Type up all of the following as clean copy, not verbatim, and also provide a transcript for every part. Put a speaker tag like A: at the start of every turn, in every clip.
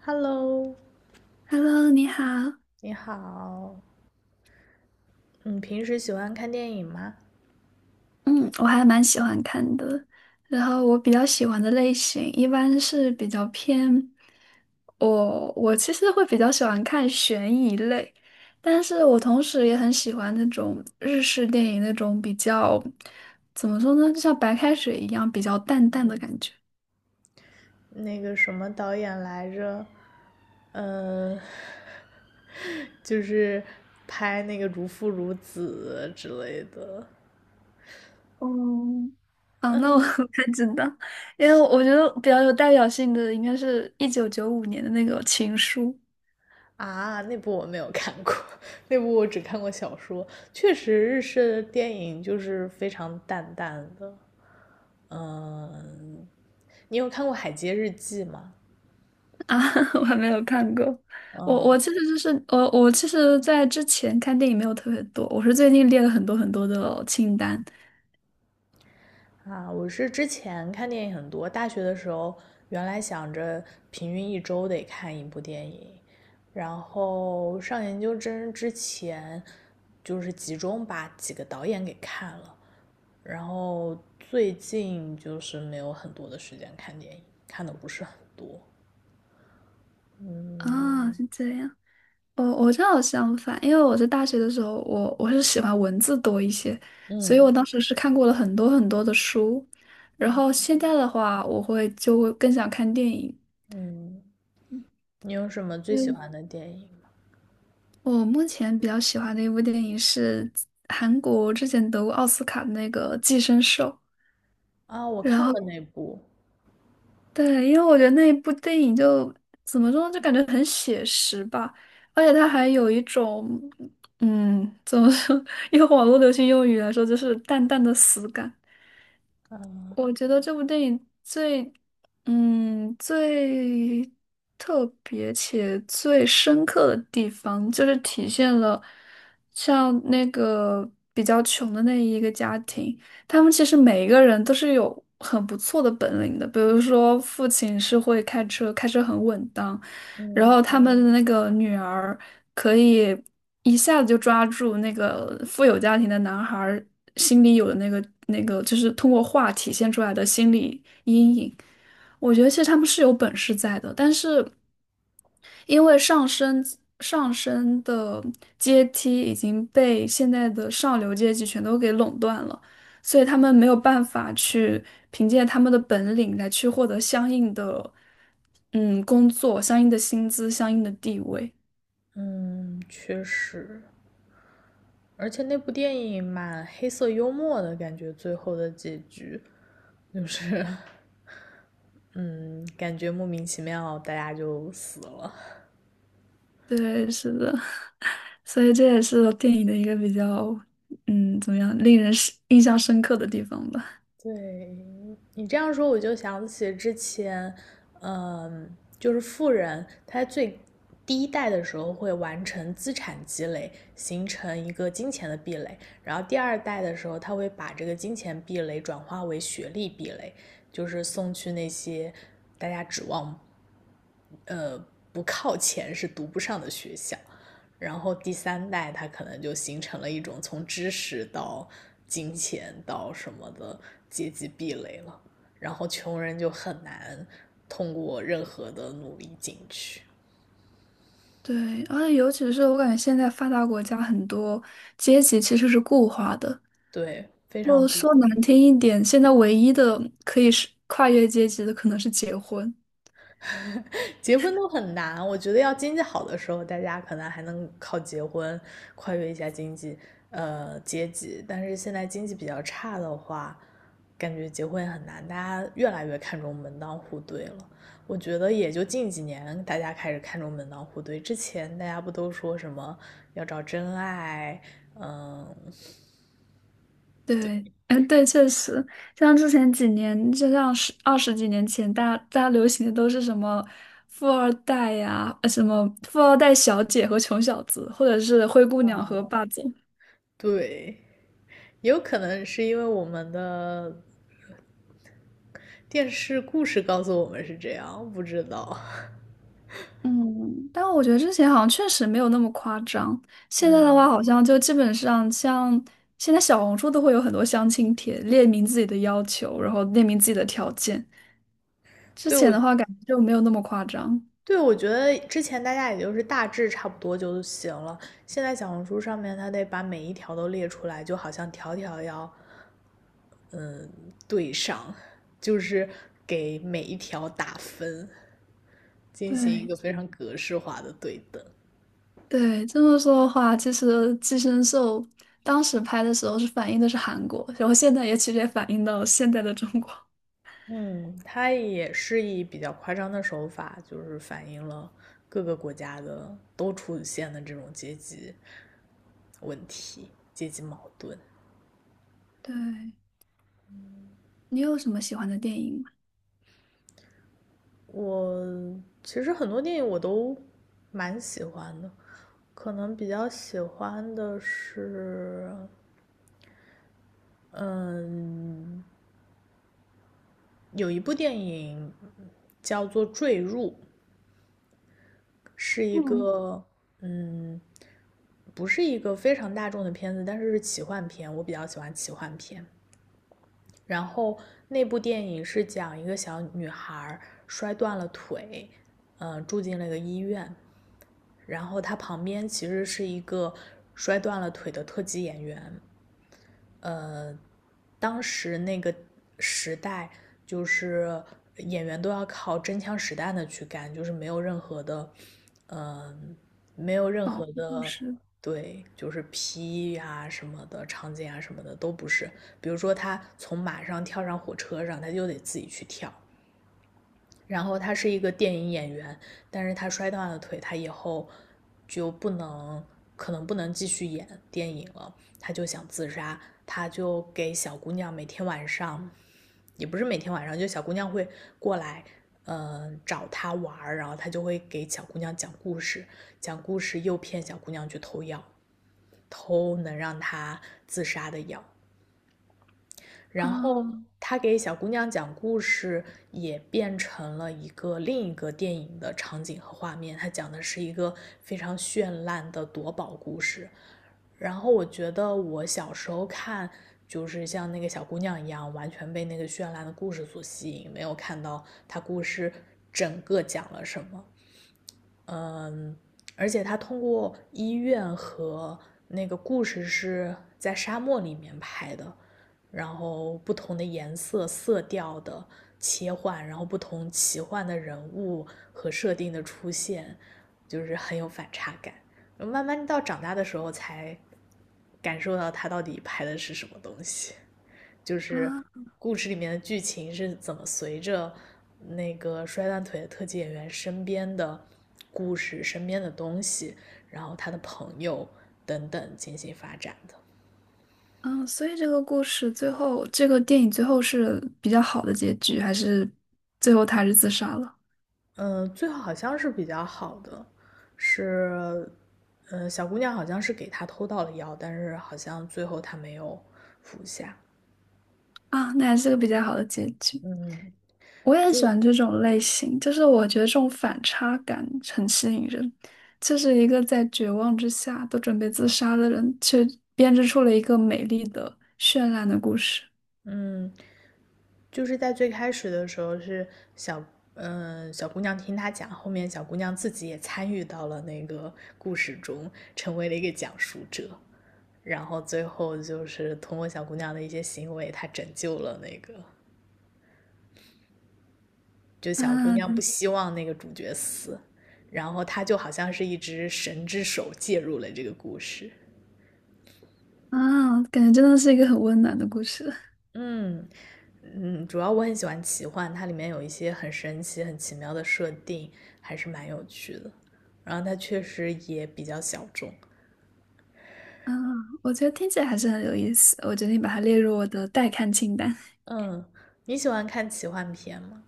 A: Hello，
B: Hello，你好。
A: 你好，你平时喜欢看电影吗？
B: 嗯，我还蛮喜欢看的。然后我比较喜欢的类型一般是比较偏我，我其实会比较喜欢看悬疑类，但是我同时也很喜欢那种日式电影那种比较，怎么说呢，就像白开水一样比较淡淡的感觉。
A: 那个什么导演来着？呃，就是拍那个《如父如子》之类的。
B: 哦，啊，那我 不太知道，因为我觉得比较有代表性的应该是1995年的那个《情书》。
A: 啊，那部我没有看过，那部我只看过小说。确实，日式的电影就是非常淡淡的。嗯，你有看过《海街日记》吗？
B: 啊，我还没有看过。我
A: 嗯，
B: 我其实就是我我其实，在之前看电影没有特别多，我是最近列了很多很多的清单。
A: 啊，我是之前看电影很多，大学的时候原来想着平均一周得看一部电影，然后上研究生之前就是集中把几个导演给看了，然后最近就是没有很多的时间看电影，看的不是很多。
B: 啊，
A: 嗯
B: 是这样。我正好相反，因为我在大学的时候，我是喜欢文字多一些，所以
A: 嗯
B: 我当时是看过了很多很多的书。然后现在的话，就会更想看电影。
A: 嗯，你有什么最喜
B: 嗯，
A: 欢的电影？
B: 我目前比较喜欢的一部电影是韩国之前得过奥斯卡的那个《寄生兽》。
A: 啊？我
B: 然
A: 看
B: 后。
A: 过那部。
B: 对，因为我觉得那一部电影就怎么说呢，就感觉很写实吧，而且它还有一种，怎么说，用网络流行用语来说，就是淡淡的死感。我觉得这部电影最特别且最深刻的地方，就是体现了像那个比较穷的那一个家庭，他们其实每一个人都是有很不错的本领的。比如说，父亲是会开车，开车很稳当，然
A: 嗯。
B: 后他们的那个女儿。可以一下子就抓住那个富有家庭的男孩儿心里有的那个，就是通过画体现出来的心理阴影。我觉得其实他们是有本事在的，但是因为上升的阶梯已经被现在的上流阶级全都给垄断了，所以他们没有办法去凭借他们的本领来去获得相应的工作、相应的薪资、相应的地位。
A: 嗯，确实。而且那部电影蛮黑色幽默的感觉，最后的结局就是，嗯，感觉莫名其妙大家就死了。
B: 对，是的，所以这也是电影的一个比较，怎么样，令人是印象深刻的地方吧。
A: 对，你这样说，我就想起之前，嗯，就是富人他第一代的时候会完成资产积累，形成一个金钱的壁垒，然后第二代的时候他会把这个金钱壁垒转化为学历壁垒，就是送去那些大家指望。不靠钱是读不上的学校。然后第三代他可能就形成了一种从知识到金钱到什么的阶级壁垒了，然后穷人就很难通过任何的努力进去。
B: 对，而且尤其是我感觉现在发达国家很多阶级其实是固化的。
A: 对，非
B: 我
A: 常。
B: 说难听一点，现在唯一的可以是跨越阶级的可能是结婚。
A: 结婚都很难，我觉得要经济好的时候，大家可能还能靠结婚跨越一下经济，阶级，但是现在经济比较差的话，感觉结婚也很难，大家越来越看重门当户对了。我觉得也就近几年大家开始看重门当户对，之前大家不都说什么要找真爱，嗯，
B: 对，哎，对，确实，像之前几年，就像十二十几年前，大家流行的都是什么富二代呀，呃，什么富二代小姐和穷小子，或者是灰姑娘和霸总。
A: 对，也有可能是因为我们的电视故事告诉我们是这样，不知道。
B: 嗯，但我觉得之前好像确实没有那么夸张。现在的话，好像就基本上像现在小红书都会有很多相亲帖，列明自己的要求，然后列明自己的条件。之
A: 对，
B: 前
A: 我
B: 的话，感觉就没有那么夸张。
A: 对，我觉得之前大家也就是大致差不多就行了。现在小红书上面，它得把每一条都列出来，就好像条条要对上，就是给每一条打分，进行一
B: 对，
A: 个非常格式化的对等。
B: 对，这么说的话，其实《寄生兽》当时拍的时候是反映的是韩国，然后现在也其实也反映到现在的中国。
A: 嗯，它也是以比较夸张的手法，就是反映了各个国家的都出现的这种阶级问题、阶级矛盾。
B: 对，你有什么喜欢的电影吗？
A: 我其实很多电影我都蛮喜欢的。可能比较喜欢的是，嗯，有一部电影叫做《坠入》，是一
B: 嗯，
A: 个，嗯，不是一个非常大众的片子，但是是奇幻片，我比较喜欢奇幻片。然后那部电影是讲一个小女孩摔断了腿，嗯，住进了一个医院，然后她旁边其实是一个摔断了腿的特级演员，当时那个时代，就是演员都要靠真枪实弹的去干，就是没有任何的，嗯，没有任
B: 保
A: 何
B: 护就
A: 的，
B: 是
A: 对，就是 P 啊什么的场景啊什么的都不是。比如说他从马上跳上火车上，他就得自己去跳，然后他是一个电影演员，但是他摔断了腿，他以后就不能，可能不能继续演电影了，他就想自杀，他就给小姑娘每天晚上，也不是每天晚上，就小姑娘会过来，找他玩然后他就会给小姑娘讲故事，讲故事诱骗小姑娘去偷药，偷能让她自杀的药，然后
B: 啊
A: 他给小姑娘讲故事，也变成了一个另一个电影的场景和画面。他讲的是一个非常绚烂的夺宝故事。然后我觉得我小时候看，就是像那个小姑娘一样，完全被那个绚烂的故事所吸引，没有看到他故事整个讲了什么。嗯，而且他通过医院和那个故事是在沙漠里面拍的，然后不同的颜色、色调的切换，然后不同奇幻的人物和设定的出现，就是很有反差感。慢慢到长大的时候才感受到他到底拍的是什么东西。就
B: 啊
A: 是故事里面的剧情是怎么随着那个摔断腿的特技演员身边的故事、身边的东西，然后他的朋友等等进行发展的。
B: 啊！所以这个故事最后，这个电影最后是比较好的结局，还是最后他还是自杀了？
A: 嗯，最后好像是比较好的，是，嗯，小姑娘好像是给他偷到了药，但是好像最后他没有服下。
B: 啊，那还是个比较好的结局。
A: 嗯，
B: 我也很
A: 就
B: 喜
A: 是
B: 欢这种类型，就是我觉得这种反差感很吸引人。就是一个在绝望之下都准备自杀的人，却编织出了一个美丽的、绚烂的故事。
A: 嗯，就是在最开始的时候是小，嗯、小姑娘听他讲，后面小姑娘自己也参与到了那个故事中，成为了一个讲述者，然后最后就是通过小姑娘的一些行为，她拯救了那个，就小姑
B: 啊
A: 娘不希望那个主角死，然后她就好像是一只神之手介入了这个故事。
B: 啊，感觉真的是一个很温暖的故事。
A: 嗯。嗯，主要我很喜欢奇幻，它里面有一些很神奇、很奇妙的设定，还是蛮有趣的。然后它确实也比较小众。
B: 啊，我觉得听起来还是很有意思，我决定把它列入我的待看清单。
A: 嗯，你喜欢看奇幻片吗？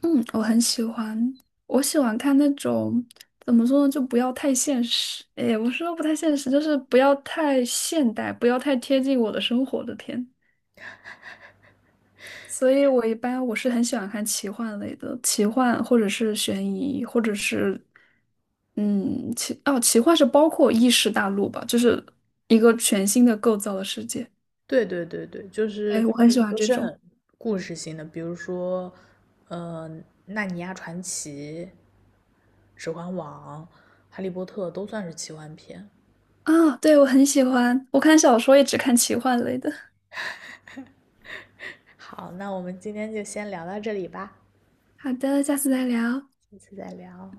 B: 嗯，我很喜欢，我喜欢看那种怎么说呢，就不要太现实。哎，我说不太现实，就是不要太现代，不要太贴近我的生活的片。所以我一般我是很喜欢看奇幻类的，奇幻或者是悬疑，或者是嗯奇哦奇幻是包括异世大陆吧，就是一个全新的构造的世界。
A: 对对对对，就是
B: 对，我很喜欢
A: 都
B: 这
A: 是
B: 种
A: 很故事性的，比如说，呃，《纳尼亚传奇》《指环王》《哈利波特》都算是奇幻片。
B: 啊，对，我很喜欢，我看小说也只看奇幻类的。
A: 好，那我们今天就先聊到这里吧，
B: 好的，下次再聊。
A: 下次再聊。